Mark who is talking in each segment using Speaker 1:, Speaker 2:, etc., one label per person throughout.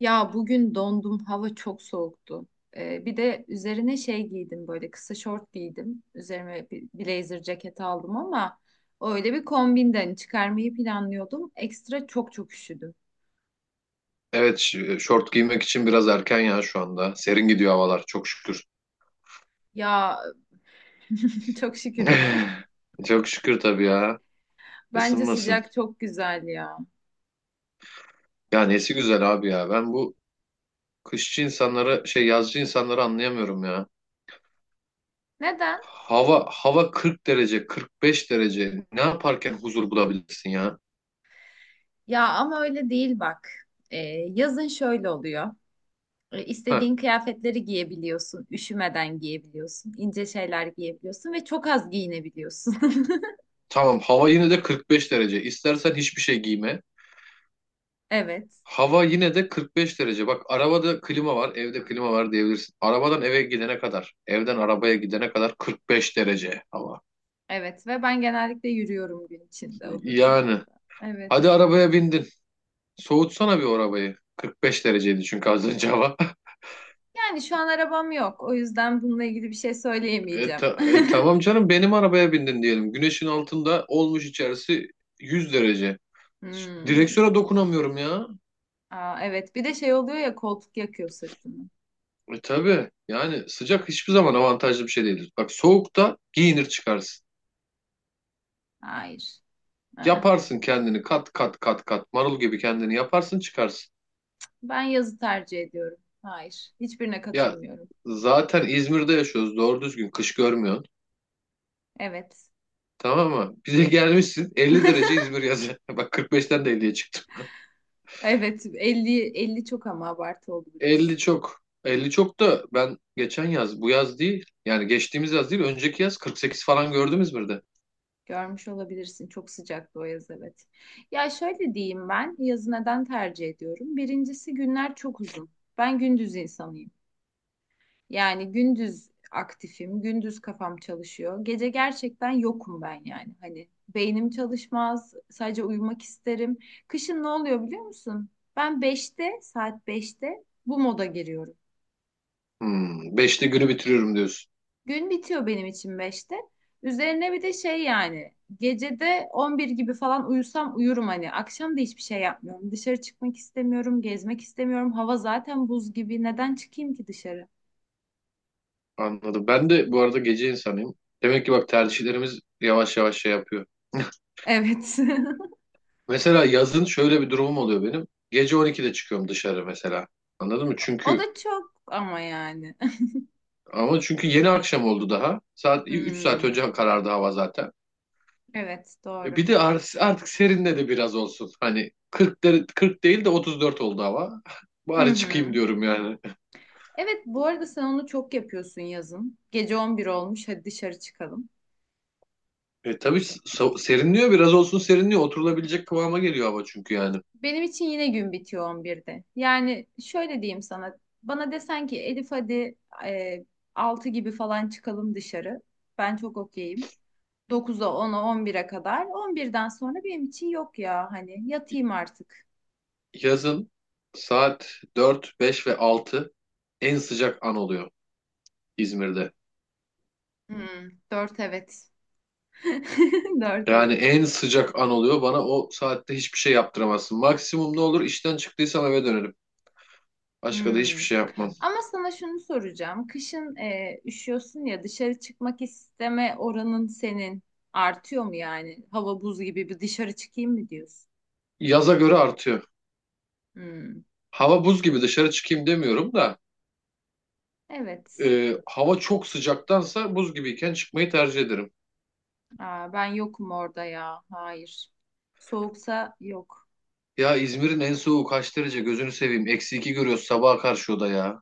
Speaker 1: Ya bugün dondum, hava çok soğuktu. Bir de üzerine şey giydim böyle kısa şort giydim. Üzerime bir blazer ceket aldım ama öyle bir kombinden çıkarmayı planlıyordum. Ekstra çok çok üşüdüm.
Speaker 2: Evet, şort giymek için biraz erken ya şu anda. Serin gidiyor havalar çok şükür.
Speaker 1: Ya çok şükür mü?
Speaker 2: Çok şükür tabii ya.
Speaker 1: Bence
Speaker 2: Isınmasın.
Speaker 1: sıcak çok güzel ya.
Speaker 2: Ya nesi güzel abi ya. Ben bu kışçı insanları şey yazcı insanları anlayamıyorum ya.
Speaker 1: Neden?
Speaker 2: Hava 40 derece, 45 derece. Ne yaparken huzur bulabilirsin ya?
Speaker 1: Ya ama öyle değil bak. Ee, yazın şöyle oluyor.
Speaker 2: Heh,
Speaker 1: İstediğin kıyafetleri giyebiliyorsun, üşümeden giyebiliyorsun, ince şeyler giyebiliyorsun ve çok az giyinebiliyorsun.
Speaker 2: tamam hava yine de 45 derece. İstersen hiçbir şey giyme.
Speaker 1: Evet.
Speaker 2: Hava yine de 45 derece. Bak arabada klima var, evde klima var diyebilirsin. Arabadan eve gidene kadar, evden arabaya gidene kadar 45 derece hava.
Speaker 1: Evet ve ben genellikle yürüyorum gün içinde o
Speaker 2: Yani
Speaker 1: durumlarda. Evet.
Speaker 2: hadi arabaya bindin. Soğutsana bir o arabayı. 45 dereceydi çünkü az önce hava.
Speaker 1: Yani şu an arabam yok. O yüzden bununla ilgili bir şey
Speaker 2: E,
Speaker 1: söyleyemeyeceğim.
Speaker 2: ta- e, tamam canım benim arabaya bindin diyelim. Güneşin altında olmuş içerisi 100 derece.
Speaker 1: Hmm.
Speaker 2: Direksiyona dokunamıyorum ya.
Speaker 1: Aa, evet. Bir de şey oluyor ya, koltuk yakıyor sırtını.
Speaker 2: Tabii yani sıcak hiçbir zaman avantajlı bir şey değildir. Bak soğukta giyinir çıkarsın.
Speaker 1: Hayır. Aa,
Speaker 2: Yaparsın kendini kat kat kat kat marul gibi kendini yaparsın çıkarsın.
Speaker 1: ben yazı tercih ediyorum. Hayır. Hiçbirine
Speaker 2: Ya
Speaker 1: katılmıyorum.
Speaker 2: zaten İzmir'de yaşıyoruz doğru düzgün kış görmüyorsun.
Speaker 1: Evet.
Speaker 2: Tamam mı? Bize gelmişsin 50 derece İzmir yazı. Bak 45'ten de 50'ye çıktım.
Speaker 1: Evet. 50, 50 çok ama abartı oldu biraz.
Speaker 2: 50 çok. 50 çok da ben geçen yaz bu yaz değil yani geçtiğimiz yaz değil önceki yaz 48 falan gördüm İzmir'de.
Speaker 1: Görmüş olabilirsin. Çok sıcaktı o yaz, evet. Ya şöyle diyeyim, ben yazı neden tercih ediyorum? Birincisi günler çok uzun. Ben gündüz insanıyım. Yani gündüz aktifim, gündüz kafam çalışıyor. Gece gerçekten yokum ben yani. Hani beynim çalışmaz, sadece uyumak isterim. Kışın ne oluyor biliyor musun? Ben saat beşte bu moda giriyorum.
Speaker 2: 5'te günü bitiriyorum diyorsun.
Speaker 1: Gün bitiyor benim için beşte. Üzerine bir de şey yani, gecede 11 gibi falan uyusam uyurum hani. Akşam da hiçbir şey yapmıyorum. Dışarı çıkmak istemiyorum, gezmek istemiyorum. Hava zaten buz gibi. Neden çıkayım ki dışarı?
Speaker 2: Anladım. Ben de bu arada gece insanıyım. Demek ki bak tercihlerimiz yavaş yavaş şey yapıyor.
Speaker 1: Evet.
Speaker 2: Mesela yazın şöyle bir durumum oluyor benim. Gece 12'de çıkıyorum dışarı mesela. Anladın mı?
Speaker 1: O
Speaker 2: Çünkü
Speaker 1: da çok ama yani.
Speaker 2: ama çünkü yeni akşam oldu daha. Saat 3 saat
Speaker 1: Hmm,
Speaker 2: önce karardı hava zaten.
Speaker 1: evet
Speaker 2: E
Speaker 1: doğru.
Speaker 2: bir de artık serinledi biraz olsun. Hani 40 değil de 34 oldu hava.
Speaker 1: Hı
Speaker 2: Bari
Speaker 1: hı.
Speaker 2: çıkayım diyorum yani.
Speaker 1: Evet, bu arada sen onu çok yapıyorsun yazın. Gece 11 olmuş, hadi dışarı çıkalım.
Speaker 2: Tabii serinliyor biraz olsun serinliyor. Oturulabilecek kıvama geliyor hava çünkü yani.
Speaker 1: Benim için yine gün bitiyor 11'de. Yani şöyle diyeyim sana. Bana desen ki Elif, hadi e, 6 gibi falan çıkalım dışarı. Ben çok okeyim. Dokuza, 10'a, 11'e kadar. 11'den sonra benim için yok ya, hani yatayım artık.
Speaker 2: Yazın saat 4, 5 ve 6 en sıcak an oluyor İzmir'de.
Speaker 1: Hmm, 4 evet. Dört
Speaker 2: Yani
Speaker 1: evet.
Speaker 2: en sıcak an oluyor. Bana o saatte hiçbir şey yaptıramazsın. Maksimum ne olur işten çıktıysam eve dönerim. Başka da
Speaker 1: Hmm.
Speaker 2: hiçbir şey yapmam.
Speaker 1: Ama sana şunu soracağım. Kışın üşüyorsun ya, dışarı çıkmak isteme oranın senin artıyor mu yani? Hava buz gibi, bir dışarı çıkayım mı diyorsun?
Speaker 2: Yaza göre artıyor.
Speaker 1: Hmm.
Speaker 2: Hava buz gibi dışarı çıkayım demiyorum da
Speaker 1: Evet.
Speaker 2: hava çok sıcaktansa buz gibiyken çıkmayı tercih ederim.
Speaker 1: Aa, ben yokum orada ya. Hayır. Soğuksa yok.
Speaker 2: Ya İzmir'in en soğuğu kaç derece gözünü seveyim. -2 görüyoruz sabaha karşı o da ya.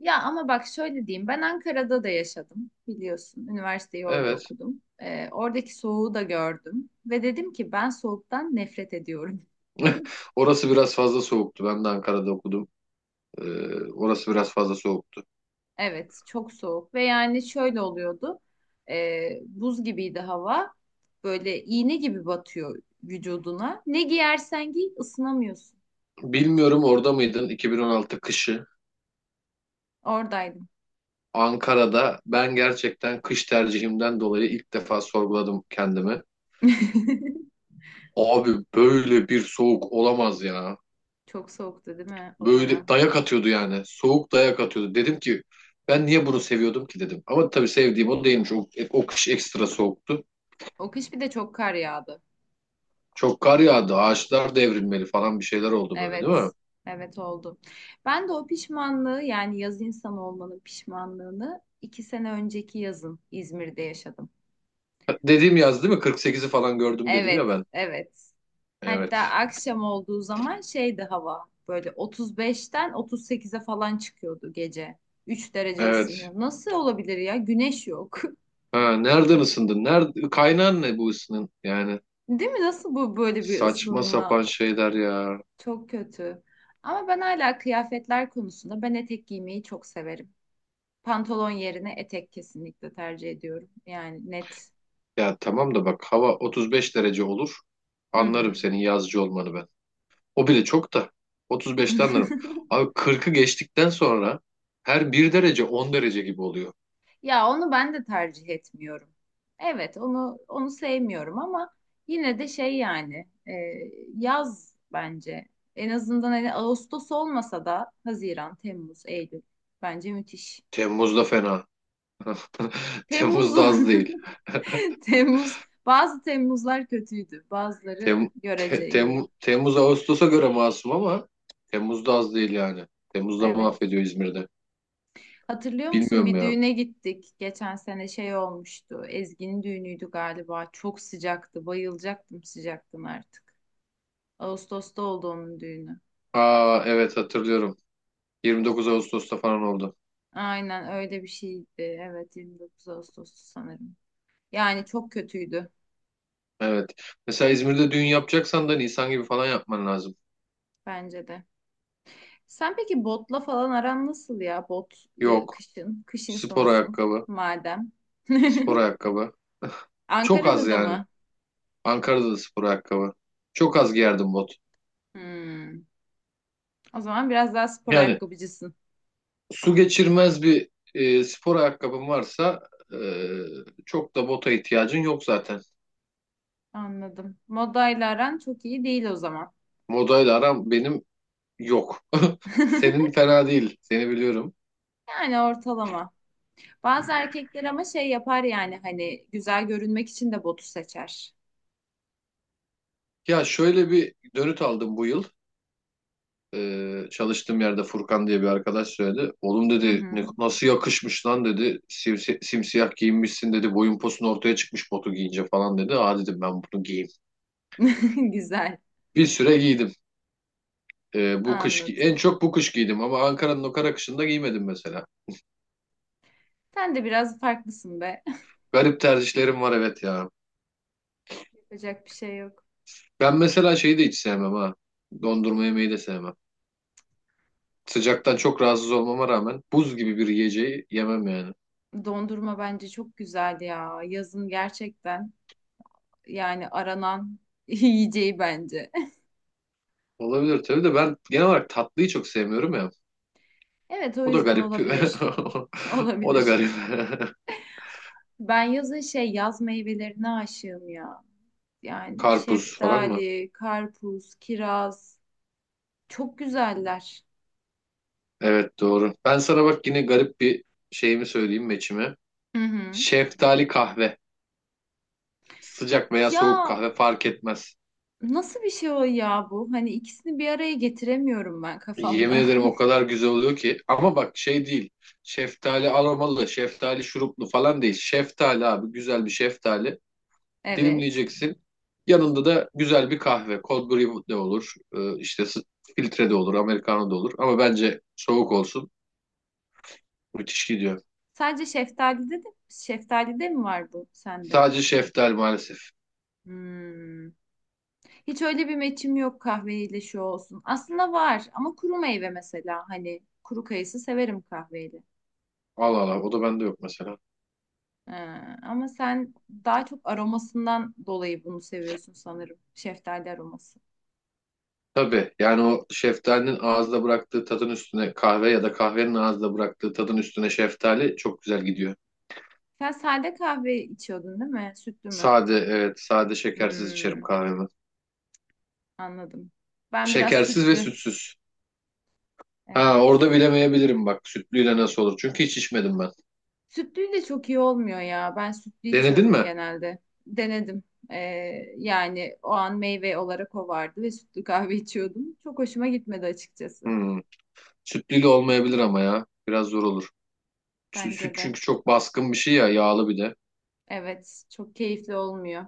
Speaker 1: Ya ama bak şöyle diyeyim. Ben Ankara'da da yaşadım biliyorsun. Üniversiteyi orada
Speaker 2: Evet.
Speaker 1: okudum. Oradaki soğuğu da gördüm. Ve dedim ki ben soğuktan nefret ediyorum.
Speaker 2: Orası biraz fazla soğuktu. Ben de Ankara'da okudum. E, orası biraz fazla soğuktu.
Speaker 1: Evet, çok soğuk ve yani şöyle oluyordu. Buz gibiydi hava. Böyle iğne gibi batıyor vücuduna. Ne giyersen giy ısınamıyorsun.
Speaker 2: Bilmiyorum orada mıydın 2016 kışı?
Speaker 1: Oradaydım.
Speaker 2: Ankara'da ben gerçekten kış tercihimden dolayı ilk defa sorguladım kendimi. Abi böyle bir soğuk olamaz ya.
Speaker 1: Çok soğuktu değil mi o
Speaker 2: Böyle
Speaker 1: dönem?
Speaker 2: dayak atıyordu yani. Soğuk dayak atıyordu. Dedim ki ben niye bunu seviyordum ki dedim. Ama tabii sevdiğim o değilmiş. O kış ekstra soğuktu.
Speaker 1: O kış bir de çok kar yağdı.
Speaker 2: Çok kar yağdı. Ağaçlar devrilmeli falan bir şeyler oldu böyle değil mi?
Speaker 1: Evet. Evet oldu. Ben de o pişmanlığı, yani yaz insanı olmanın pişmanlığını 2 sene önceki yazın İzmir'de yaşadım.
Speaker 2: Dediğim yaz değil mi? 48'i falan gördüm dedim ya
Speaker 1: Evet.
Speaker 2: ben.
Speaker 1: Evet. Hatta
Speaker 2: Evet.
Speaker 1: akşam olduğu zaman şeydi hava, böyle 35'ten 38'e falan çıkıyordu gece. 3 derece
Speaker 2: Evet.
Speaker 1: ısınıyor. Nasıl olabilir ya? Güneş yok.
Speaker 2: Ha, nereden ısındın? Nerede, kaynağın ne bu ısının? Yani
Speaker 1: Değil mi? Nasıl bu, böyle bir
Speaker 2: saçma
Speaker 1: ısınma?
Speaker 2: sapan şeyler ya.
Speaker 1: Çok kötü. Ama ben hala kıyafetler konusunda ben etek giymeyi çok severim. Pantolon yerine etek kesinlikle tercih ediyorum. Yani net.
Speaker 2: Ya tamam da bak hava 35 derece olur.
Speaker 1: Hı
Speaker 2: Anlarım
Speaker 1: hı.
Speaker 2: senin yazcı olmanı ben. O bile çok da. 35'te anlarım. Abi 40'ı geçtikten sonra her bir derece 10 derece gibi oluyor.
Speaker 1: Ya onu ben de tercih etmiyorum. Evet, onu sevmiyorum ama yine de şey yani yaz bence. En azından hani Ağustos olmasa da Haziran, Temmuz, Eylül bence müthiş.
Speaker 2: Temmuz'da fena.
Speaker 1: Temmuz
Speaker 2: Temmuz'da
Speaker 1: o.
Speaker 2: az değil.
Speaker 1: Temmuz, bazı Temmuzlar kötüydü. Bazıları
Speaker 2: Tem, te-
Speaker 1: görece iyi.
Speaker 2: Tem- Temmuz Ağustos'a göre masum ama Temmuz'da az değil yani. Temmuz'da
Speaker 1: Evet.
Speaker 2: mahvediyor İzmir'de.
Speaker 1: Hatırlıyor musun?
Speaker 2: Bilmiyorum
Speaker 1: Bir
Speaker 2: ya.
Speaker 1: düğüne gittik. Geçen sene şey olmuştu. Ezgi'nin düğünüydü galiba. Çok sıcaktı. Bayılacaktım sıcaktan artık. Ağustos'ta oldu onun düğünü.
Speaker 2: Aa evet hatırlıyorum. 29 Ağustos'ta falan oldu.
Speaker 1: Aynen öyle bir şeydi. Evet, 29 Ağustos'tu sanırım. Yani çok kötüydü
Speaker 2: Evet. Mesela İzmir'de düğün yapacaksan da Nisan gibi falan yapman lazım.
Speaker 1: bence de. Sen peki botla falan aran nasıl ya? Bot
Speaker 2: Yok.
Speaker 1: kışın. Kış
Speaker 2: Spor
Speaker 1: insanısın
Speaker 2: ayakkabı.
Speaker 1: madem.
Speaker 2: Spor ayakkabı. Çok az
Speaker 1: Ankara'da da
Speaker 2: yani.
Speaker 1: mı?
Speaker 2: Ankara'da da spor ayakkabı. Çok az giyerdim bot.
Speaker 1: Hmm. O zaman biraz daha spor
Speaker 2: Yani
Speaker 1: ayakkabıcısın.
Speaker 2: su geçirmez bir spor ayakkabın varsa e, çok da bota ihtiyacın yok zaten.
Speaker 1: Anladım. Modayla aran çok iyi değil o zaman.
Speaker 2: Modayla aram benim yok. Senin fena değil. Seni biliyorum.
Speaker 1: Yani ortalama. Bazı erkekler ama şey yapar yani hani güzel görünmek için de botu seçer.
Speaker 2: Ya şöyle bir dönüt aldım bu yıl. Çalıştığım yerde Furkan diye bir arkadaş söyledi. Oğlum
Speaker 1: Hı
Speaker 2: dedi
Speaker 1: hı.
Speaker 2: nasıl yakışmış lan dedi. Simsiyah giyinmişsin dedi. Boyun posun ortaya çıkmış botu giyince falan dedi. Aa dedim ben bunu giyeyim.
Speaker 1: Güzel.
Speaker 2: Bir süre giydim. Bu kış en
Speaker 1: Anladım.
Speaker 2: çok bu kış giydim ama Ankara'nın o kara kışında giymedim mesela.
Speaker 1: Sen de biraz farklısın be.
Speaker 2: Garip tercihlerim var evet ya.
Speaker 1: Yapacak bir şey yok.
Speaker 2: Ben mesela şeyi de hiç sevmem ha. Dondurma yemeyi de sevmem. Sıcaktan çok rahatsız olmama rağmen buz gibi bir yiyeceği yemem yani.
Speaker 1: Dondurma bence çok güzel ya. Yazın gerçekten yani aranan yiyeceği bence.
Speaker 2: Olabilir tabii de ben genel olarak tatlıyı çok sevmiyorum ya.
Speaker 1: Evet, o
Speaker 2: O da
Speaker 1: yüzden
Speaker 2: garip.
Speaker 1: olabilir.
Speaker 2: O da
Speaker 1: Olabilir.
Speaker 2: garip.
Speaker 1: Ben yazın şey yaz meyvelerine aşığım ya. Yani
Speaker 2: Karpuz falan mı?
Speaker 1: şeftali, karpuz, kiraz çok güzeller.
Speaker 2: Evet doğru. Ben sana bak yine garip bir şeyimi söyleyeyim meçimi.
Speaker 1: Hı hı.
Speaker 2: Şeftali kahve. Sıcak veya soğuk
Speaker 1: Ya
Speaker 2: kahve fark etmez.
Speaker 1: nasıl bir şey o ya bu? Hani ikisini bir araya getiremiyorum ben
Speaker 2: Yemin
Speaker 1: kafamda.
Speaker 2: ederim o kadar güzel oluyor ki. Ama bak şey değil. Şeftali aromalı, şeftali şuruplu falan değil. Şeftali abi güzel bir şeftali.
Speaker 1: Evet.
Speaker 2: Dilimleyeceksin. Yanında da güzel bir kahve. Cold brew de olur. İşte filtre de olur, americano da olur. Ama bence soğuk olsun. Müthiş gidiyor.
Speaker 1: Sadece şeftalide mi var bu sende?
Speaker 2: Sadece şeftal maalesef.
Speaker 1: Hmm. Hiç öyle bir meçim yok, kahveyle şu olsun. Aslında var ama kuru meyve, mesela hani kuru kayısı severim kahveyle.
Speaker 2: Al al al. O da bende yok mesela.
Speaker 1: Ee, ama sen daha çok aromasından dolayı bunu seviyorsun sanırım. Şeftali aroması.
Speaker 2: Tabii yani o şeftalinin ağızda bıraktığı tadın üstüne kahve ya da kahvenin ağızda bıraktığı tadın üstüne şeftali çok güzel gidiyor.
Speaker 1: Sen sade kahve içiyordun değil mi? Sütlü mü?
Speaker 2: Sade, evet, sade şekersiz içerim
Speaker 1: Hmm,
Speaker 2: kahvemi.
Speaker 1: anladım. Ben biraz
Speaker 2: Şekersiz ve
Speaker 1: sütlü.
Speaker 2: sütsüz. Ha orada
Speaker 1: Evet.
Speaker 2: bilemeyebilirim bak sütlüyle nasıl olur. Çünkü hiç içmedim ben.
Speaker 1: Sütlü de çok iyi olmuyor ya. Ben sütlü
Speaker 2: Denedin
Speaker 1: içiyorum
Speaker 2: mi?
Speaker 1: genelde. Denedim. Ee, yani o an meyve olarak o vardı ve sütlü kahve içiyordum. Çok hoşuma gitmedi açıkçası.
Speaker 2: Hmm. Sütlüyle olmayabilir ama ya. Biraz zor olur. Süt
Speaker 1: Bence de.
Speaker 2: çünkü çok baskın bir şey ya yağlı bir de.
Speaker 1: Evet, çok keyifli olmuyor.